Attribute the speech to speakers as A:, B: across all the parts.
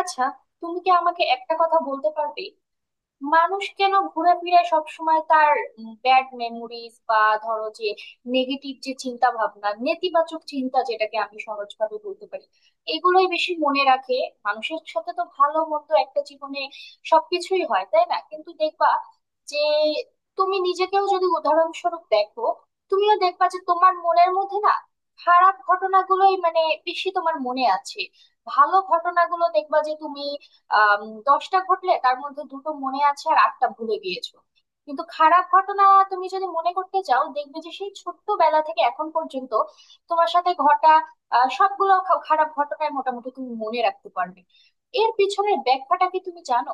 A: আচ্ছা, তুমি কি আমাকে একটা কথা বলতে পারবে? মানুষ কেন ঘোরাফেরায় সবসময় তার ব্যাড মেমোরিজ বা ধরো যে নেগেটিভ যে চিন্তা ভাবনা, নেতিবাচক চিন্তা যেটাকে আমি সহজভাবে বলতে পারি, এগুলোই বেশি মনে রাখে? মানুষের সাথে তো ভালো মন্দ একটা জীবনে সবকিছুই হয়, তাই না? কিন্তু দেখবা যে তুমি নিজেকেও যদি উদাহরণস্বরূপ দেখো, তুমিও দেখবা যে তোমার মনের মধ্যে না খারাপ ঘটনাগুলোই মানে বেশি তোমার মনে আছে। ভালো ঘটনাগুলো দেখবা যে তুমি আম, দশটা ঘটলে তার মধ্যে দুটো মনে আছে আর আটটা ভুলে গিয়েছো। কিন্তু খারাপ ঘটনা তুমি যদি মনে করতে চাও, দেখবে যে সেই ছোট্টবেলা থেকে এখন পর্যন্ত তোমার সাথে ঘটা সবগুলো খারাপ ঘটনায় মোটামুটি তুমি মনে রাখতে পারবে। এর পিছনের ব্যাখ্যাটা কি তুমি জানো?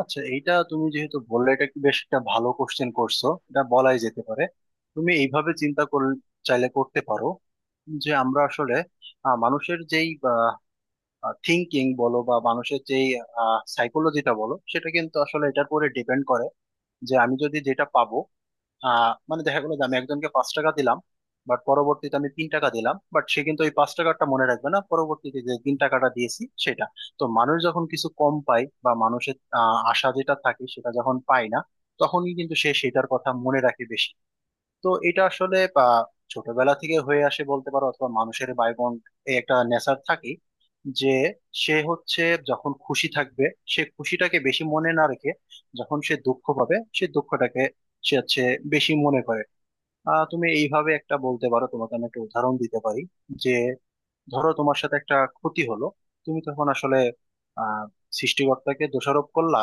B: আচ্ছা, এইটা তুমি যেহেতু বললে, এটা কি বেশ একটা ভালো কোশ্চেন করছো, এটা বলাই যেতে পারে। তুমি এইভাবে চিন্তা করলে চাইলে করতে পারো যে আমরা আসলে মানুষের যেই থিঙ্কিং বলো বা মানুষের যেই সাইকোলজিটা বলো, সেটা কিন্তু আসলে এটার উপরে ডিপেন্ড করে। যে আমি যদি যেটা পাবো, মানে দেখা গেলো যে আমি একজনকে 5 টাকা দিলাম, বাট পরবর্তীতে আমি 3 টাকা দিলাম, বাট সে কিন্তু ওই 5 টাকাটা মনে রাখবে না, পরবর্তীতে যে 3 টাকাটা দিয়েছি সেটা। তো মানুষ যখন কিছু কম পায় বা মানুষের আশা যেটা থাকে সেটা যখন পায় না, তখনই কিন্তু সে সেটার কথা মনে রাখে বেশি। তো এটা আসলে ছোটবেলা থেকে হয়ে আসে বলতে পারো, অথবা মানুষের বায়বন এই একটা নেচার থাকে, যে সে হচ্ছে যখন খুশি থাকবে, সে খুশিটাকে বেশি মনে না রেখে, যখন সে দুঃখ পাবে সে দুঃখটাকে সে হচ্ছে বেশি মনে করে। তুমি এইভাবে একটা বলতে পারো, তোমাকে আমি একটা উদাহরণ দিতে পারি। যে ধরো তোমার সাথে একটা ক্ষতি হলো, তুমি তখন আসলে আহ সৃষ্টিকর্তাকে দোষারোপ করলা,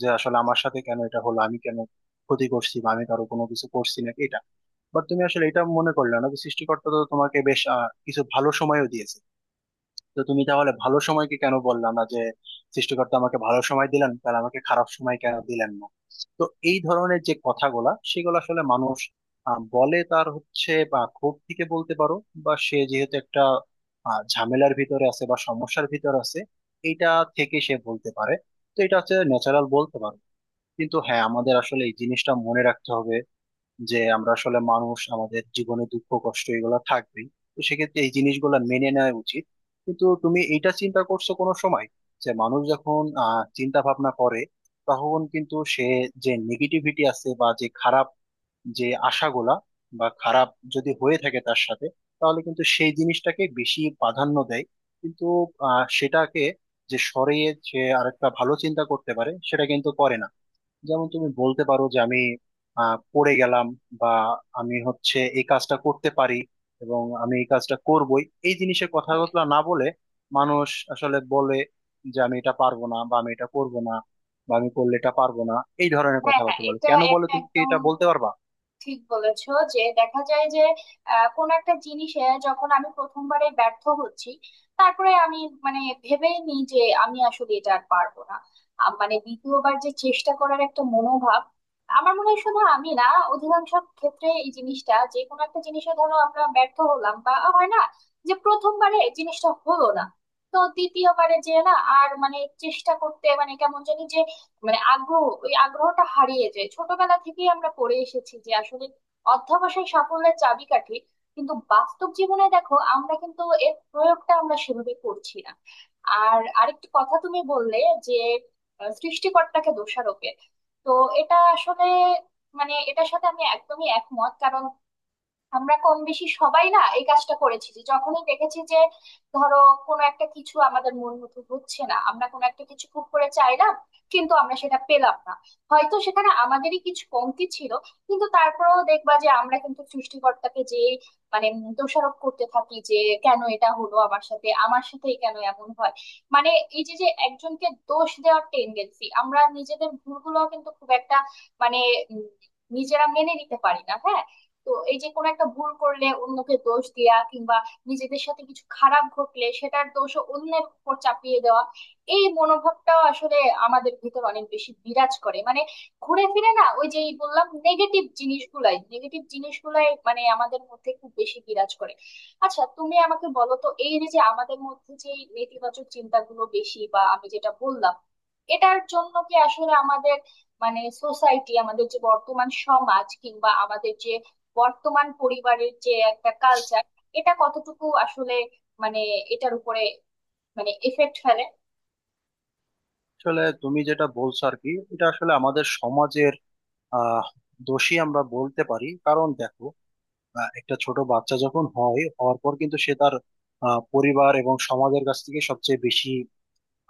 B: যে আসলে আমার সাথে কেন এটা হলো, আমি কেন ক্ষতি করছি, বা আমি কারো কোনো কিছু করছি না এটা। বাট তুমি আসলে এটা মনে করলে না যে সৃষ্টিকর্তা তো তোমাকে বেশ কিছু ভালো সময়ও দিয়েছে। তো তুমি তাহলে ভালো সময়কে কেন বললা না যে সৃষ্টিকর্তা আমাকে ভালো সময় দিলেন, তাহলে আমাকে খারাপ সময় কেন দিলেন না। তো এই ধরনের যে কথাগুলা, সেগুলো আসলে মানুষ বলে, তার হচ্ছে বা ক্ষোভ থেকে বলতে পারো, বা সে যেহেতু একটা ঝামেলার ভিতরে আছে বা সমস্যার ভিতরে আছে, এটা থেকে সে বলতে পারে। তো এটা হচ্ছে ন্যাচারাল বলতে পারো। কিন্তু হ্যাঁ, আমাদের আসলে এই জিনিসটা মনে রাখতে হবে যে আমরা আসলে মানুষ, আমাদের জীবনে দুঃখ কষ্ট এগুলো থাকবেই। তো সেক্ষেত্রে এই জিনিসগুলো মেনে নেওয়া উচিত। কিন্তু তুমি এইটা চিন্তা করছো কোনো সময়, যে মানুষ যখন চিন্তা ভাবনা করে, তখন কিন্তু সে যে নেগেটিভিটি আছে বা যে খারাপ যে আশাগুলা বা খারাপ যদি হয়ে থাকে তার সাথে, তাহলে কিন্তু সেই জিনিসটাকে বেশি প্রাধান্য দেয়। কিন্তু সেটাকে যে সরিয়ে সে আরেকটা ভালো চিন্তা করতে পারে, সেটা কিন্তু করে না। যেমন তুমি বলতে পারো যে আমি পড়ে গেলাম বা আমি হচ্ছে এই কাজটা করতে পারি এবং আমি এই কাজটা করবই, এই জিনিসের
A: হ্যাঁ
B: কথাগুলো না বলে মানুষ আসলে বলে যে আমি এটা পারবো না বা আমি এটা করবো না বা আমি করলে এটা পারবো না। এই ধরনের
A: হ্যাঁ হ্যাঁ,
B: কথাবার্তা বলে,
A: এটা
B: কেন বলে
A: একটা
B: তুমি কি
A: একদম
B: এটা বলতে পারবা?
A: ঠিক বলেছো যে দেখা যায় যে কোন একটা জিনিসে যখন আমি প্রথমবারে ব্যর্থ হচ্ছি, তারপরে আমি মানে ভেবেই নিই যে আমি আসলে এটা আর পারবো না। মানে দ্বিতীয়বার যে চেষ্টা করার একটা মনোভাব, আমার মনে হয় শুধু আমি না, অধিকাংশ ক্ষেত্রে এই জিনিসটা, যে কোনো একটা জিনিসে ধরো আমরা ব্যর্থ হলাম বা হয় না, যে প্রথমবারে জিনিসটা হলো না, তো দ্বিতীয়বারে যে না আর মানে চেষ্টা করতে মানে কেমন জানি যে, মানে আগ্রহ, ওই আগ্রহটা হারিয়ে যায়। ছোটবেলা থেকেই আমরা পড়ে এসেছি যে আসলে অধ্যবসায় সাফল্যের চাবিকাঠি, কিন্তু বাস্তব জীবনে দেখো আমরা কিন্তু এর প্রয়োগটা আমরা সেভাবে করছি না। আর আরেকটি কথা তুমি বললে, যে সৃষ্টিকর্তাকে দোষারোপের, তো এটা আসলে মানে এটার সাথে আমি একদমই একমত। কারণ আমরা কম বেশি সবাই না এই কাজটা করেছি, যে যখনই দেখেছি যে ধরো কোনো একটা কিছু আমাদের মন মতো হচ্ছে না, আমরা কোনো একটা কিছু খুব করে চাইলাম কিন্তু আমরা সেটা পেলাম না, হয়তো সেখানে আমাদেরই কিছু কমতি ছিল, কিন্তু তারপরেও দেখবা যে আমরা কিন্তু সৃষ্টিকর্তাকে যে মানে দোষারোপ করতে থাকি, যে কেন এটা হলো আমার সাথে, আমার সাথেই কেন এমন হয়। মানে এই যে যে একজনকে দোষ দেওয়ার টেন্ডেন্সি, আমরা নিজেদের ভুলগুলো কিন্তু খুব একটা মানে উম, নিজেরা মেনে নিতে পারি না, হ্যাঁ। তো এই যে কোনো একটা ভুল করলে অন্যকে দোষ দেয়া, কিংবা নিজেদের সাথে কিছু খারাপ ঘটলে সেটার দোষও অন্যের উপর চাপিয়ে দেওয়া, এই মনোভাবটাও আসলে আমাদের ভিতর অনেক বেশি বিরাজ করে। মানে ঘুরে ফিরে না ওই যেই বললাম, নেগেটিভ জিনিসগুলাই মানে আমাদের মধ্যে খুব বেশি বিরাজ করে। আচ্ছা, তুমি আমাকে বলো তো, এই যে যে আমাদের মধ্যে যে এই নেতিবাচক চিন্তাগুলো বেশি, বা আমি যেটা বললাম, এটার জন্য কি আসলে আমাদের মানে সোসাইটি, আমাদের যে বর্তমান সমাজ, কিংবা আমাদের যে বর্তমান পরিবারের যে একটা কালচার, এটা কতটুকু আসলে মানে এটার উপরে মানে এফেক্ট ফেলে?
B: আসলে তুমি যেটা বলছো আর কি, এটা আসলে আমাদের সমাজের আহ দোষী আমরা বলতে পারি। কারণ দেখো, একটা ছোট বাচ্চা যখন হয়, হওয়ার পর কিন্তু সে তার পরিবার এবং সমাজের কাছ থেকে সবচেয়ে বেশি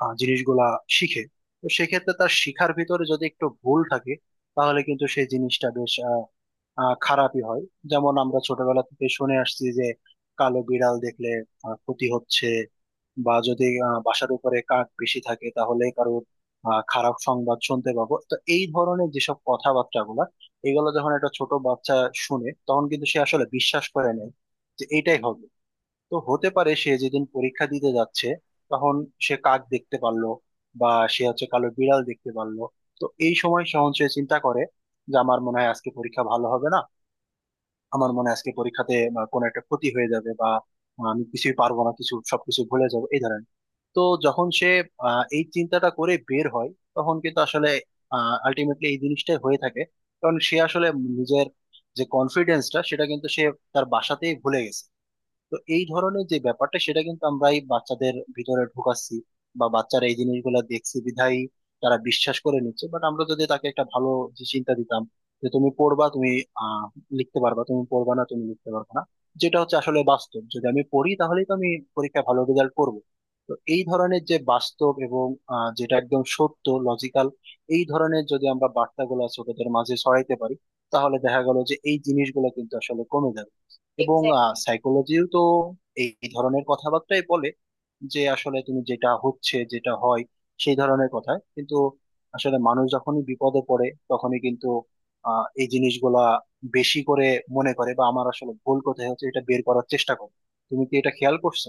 B: জিনিসগুলা শিখে। তো সেক্ষেত্রে তার শিখার ভিতরে যদি একটু ভুল থাকে, তাহলে কিন্তু সেই জিনিসটা বেশ আহ, আহ, খারাপই হয়। যেমন আমরা ছোটবেলা থেকে শুনে আসছি যে কালো বিড়াল দেখলে ক্ষতি হচ্ছে, বা যদি বাসার উপরে কাক বেশি থাকে তাহলে কারোর খারাপ সংবাদ শুনতে পাবো। তো এই ধরনের যেসব কথাবার্তাগুলা, এগুলো যখন একটা ছোট বাচ্চা শুনে, তখন কিন্তু সে আসলে বিশ্বাস করে নেয় যে এইটাই হবে। তো হতে পারে সে যেদিন পরীক্ষা দিতে যাচ্ছে, তখন সে কাক দেখতে পারলো বা সে হচ্ছে কালো বিড়াল দেখতে পারলো। তো এই সময় সহন সে চিন্তা করে যে আমার মনে হয় আজকে পরীক্ষা ভালো হবে না, আমার মনে হয় আজকে পরীক্ষাতে কোনো একটা ক্ষতি হয়ে যাবে, বা আমি কিছুই পারবো না, কিছু সবকিছু ভুলে যাবো এই ধরনের। তো যখন সে এই চিন্তাটা করে বের হয়, তখন কিন্তু আসলে আলটিমেটলি এই জিনিসটাই হয়ে থাকে। কারণ সে আসলে নিজের যে কনফিডেন্সটা সেটা কিন্তু সে তার বাসাতেই ভুলে গেছে। তো এই ধরনের যে ব্যাপারটা, সেটা কিন্তু আমরা এই বাচ্চাদের ভিতরে ঢুকাচ্ছি, বা বাচ্চারা এই জিনিসগুলো দেখছে বিধায় তারা বিশ্বাস করে নিচ্ছে। বাট আমরা যদি তাকে একটা ভালো যে চিন্তা দিতাম, যে তুমি পড়বা, তুমি আহ লিখতে পারবা, তুমি পড়বা না তুমি লিখতে পারবা না, যেটা হচ্ছে আসলে বাস্তব, যদি আমি পড়ি তাহলেই তো আমি পরীক্ষায় ভালো রেজাল্ট করবো। তো এই ধরনের যে বাস্তব এবং যেটা একদম সত্য লজিক্যাল, এই ধরনের যদি আমরা বার্তাগুলো ছোটদের মাঝে ছড়াইতে পারি, তাহলে দেখা গেল যে এই জিনিসগুলো কিন্তু আসলে কমে যাবে। এবং
A: এক্স্যাক্টলি
B: সাইকোলজিও তো এই এই ধরনের কথাবার্তাই বলে যে আসলে তুমি যেটা হচ্ছে যেটা হয় সেই ধরনের কথা কিন্তু আসলে মানুষ যখনই বিপদে পড়ে, তখনই কিন্তু এই জিনিসগুলা বেশি করে মনে করে, বা আমার আসলে ভুল কোথায় হচ্ছে এটা বের করার চেষ্টা করে। তুমি কি এটা খেয়াল করছো?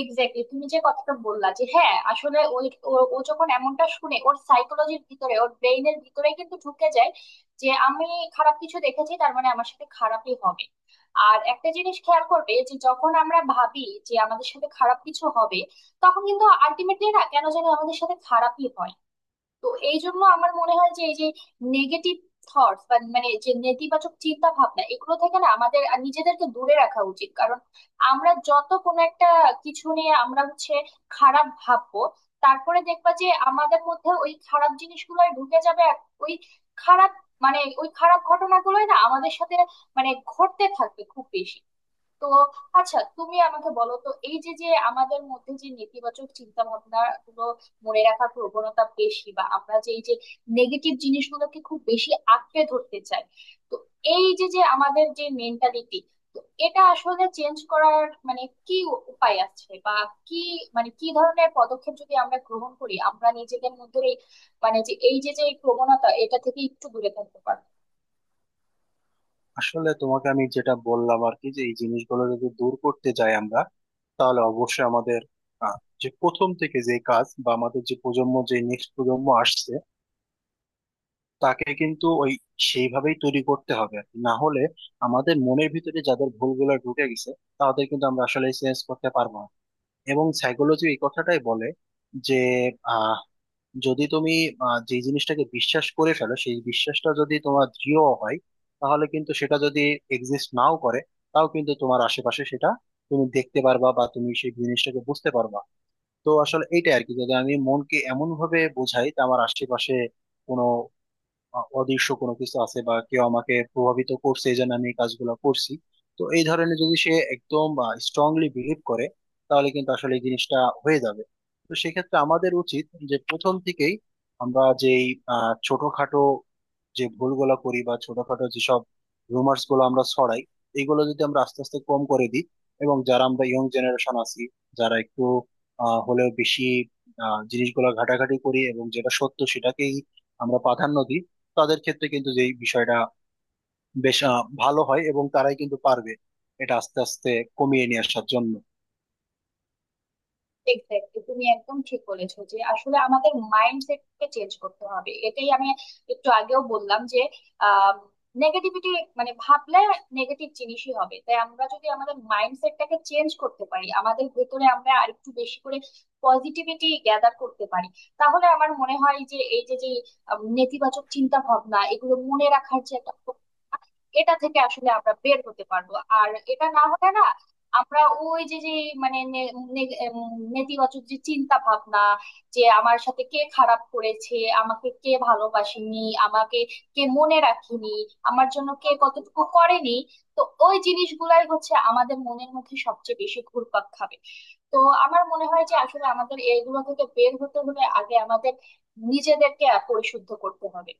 A: এক্স্যাক্টলি তুমি যে কথাটা বললা, যে হ্যাঁ আসলে ওই ও ও যখন এমনটা শুনে, ওর সাইকোলজির ভিতরে, ওর ব্রেইনের ভিতরে কিন্তু ঢুকে যায় যে আমি খারাপ কিছু দেখেছি, তার মানে আমার সাথে খারাপই হবে। আর একটা জিনিস খেয়াল করবে, যে যখন আমরা ভাবি যে আমাদের সাথে খারাপ কিছু হবে, তখন কিন্তু আলটিমেটলি না কেন জানি আমাদের সাথে খারাপই হয়। তো এই জন্য আমার মনে হয় যে এই যে নেগেটিভ থটস, বা মানে যে নেতিবাচক চিন্তা ভাবনা, এগুলো থেকে না আমাদের আর নিজেদেরকে দূরে রাখা উচিত। কারণ আমরা যত কোনো একটা কিছু নিয়ে আমরা হচ্ছে খারাপ ভাববো, তারপরে দেখবা যে আমাদের মধ্যে ওই খারাপ জিনিসগুলো ঢুকে যাবে, আর ওই খারাপ, মানে ওই খারাপ ঘটনাগুলোই না আমাদের সাথে মানে ঘটতে থাকবে খুব বেশি। তো আচ্ছা, তুমি আমাকে বলো তো, এই যে যে আমাদের মধ্যে যে নেতিবাচক চিন্তা ভাবনা গুলো মনে রাখার প্রবণতা বেশি, বা আমরা যে এই যে নেগেটিভ জিনিসগুলোকে খুব বেশি আঁকড়ে ধরতে চাই, তো এই যে যে আমাদের যে মেন্টালিটি, তো এটা আসলে চেঞ্জ করার মানে কি উপায় আছে, বা কি মানে কি ধরনের পদক্ষেপ যদি আমরা গ্রহণ করি, আমরা নিজেদের মধ্যে এই মানে যে এই যে যে এই প্রবণতা এটা থেকে একটু দূরে থাকতে পারবো?
B: আসলে তোমাকে আমি যেটা বললাম আর কি, যে এই জিনিসগুলো যদি দূর করতে যাই আমরা, তাহলে অবশ্যই আমাদের আহ, যে প্রথম থেকে যে কাজ, বা আমাদের যে প্রজন্ম, যে নেক্সট প্রজন্ম আসছে, তাকে কিন্তু ওই সেইভাবেই তৈরি করতে হবে আর কি। না হলে আমাদের মনের ভিতরে যাদের ভুলগুলো ঢুকে গেছে, তাদের কিন্তু আমরা আসলে চেঞ্জ করতে পারবো না। এবং সাইকোলজি এই কথাটাই বলে যে আহ যদি তুমি যে জিনিসটাকে বিশ্বাস করে ফেলো, সেই বিশ্বাসটা যদি তোমার দৃঢ় হয়, তাহলে কিন্তু সেটা যদি এক্সিস্ট নাও করে, তাও কিন্তু তোমার আশেপাশে সেটা তুমি দেখতে পারবা বা তুমি সেই জিনিসটাকে বুঝতে পারবা। তো আসলে এইটাই আর কি, যদি আমি মনকে এমন ভাবে বোঝাই যে আমার আশেপাশে কোনো অদৃশ্য কোনো কিছু আছে বা কেউ আমাকে প্রভাবিত করছে, এই জন্য আমি এই কাজগুলো করছি, তো এই ধরনের যদি সে একদম স্ট্রংলি বিলিভ করে, তাহলে কিন্তু আসলে এই জিনিসটা হয়ে যাবে। তো সেক্ষেত্রে আমাদের উচিত যে প্রথম থেকেই আমরা যেই ছোটখাটো যে ভুলগুলো করি, বা ছোটখাটো যেসব রুমার্স গুলো আমরা ছড়াই, এইগুলো যদি আমরা আস্তে আস্তে কম করে দিই, এবং যারা আমরা ইয়ং জেনারেশন আছি, যারা একটু হলেও বেশি জিনিসগুলো ঘাটাঘাটি করি এবং যেটা সত্য সেটাকেই আমরা প্রাধান্য দিই, তাদের ক্ষেত্রে কিন্তু যে বিষয়টা বেশ ভালো হয়, এবং তারাই কিন্তু পারবে এটা আস্তে আস্তে কমিয়ে নিয়ে আসার জন্য।
A: এক্স্যাক্টলি, তুমি একদম ঠিক বলেছো যে আসলে আমাদের মাইন্ডসেটকে চেঞ্জ করতে হবে। এটাই আমি একটু আগেও বললাম যে নেগেটিভিটি মানে ভাবলে নেগেটিভ জিনিসই হবে। তাই আমরা যদি আমাদের মাইন্ডসেটটাকে চেঞ্জ করতে পারি, আমাদের ভেতরে আমরা আরেকটু বেশি করে পজিটিভিটি গ্যাদার করতে পারি, তাহলে আমার মনে হয় যে এই যে যে নেতিবাচক চিন্তা ভাবনা এগুলো মনে রাখার যে একটা প্রবণতা, এটা থেকে আসলে আমরা বের হতে পারবো। আর এটা না হলে না আমরা ওই যে যে মানে নে- নে- এম, নেতিবাচক যে চিন্তা ভাবনা, যে আমার সাথে কে খারাপ করেছে, আমাকে কে ভালোবাসেনি, আমাকে কে মনে রাখেনি, আমার জন্য কে কতটুকু করেনি, তো ওই জিনিসগুলাই হচ্ছে আমাদের মনের মধ্যে সবচেয়ে বেশি ঘুরপাক খাবে। তো আমার মনে হয় যে আসলে আমাদের এইগুলো থেকে বের হতে হলে আগে আমাদের নিজেদেরকে পরিশুদ্ধ করতে হবে।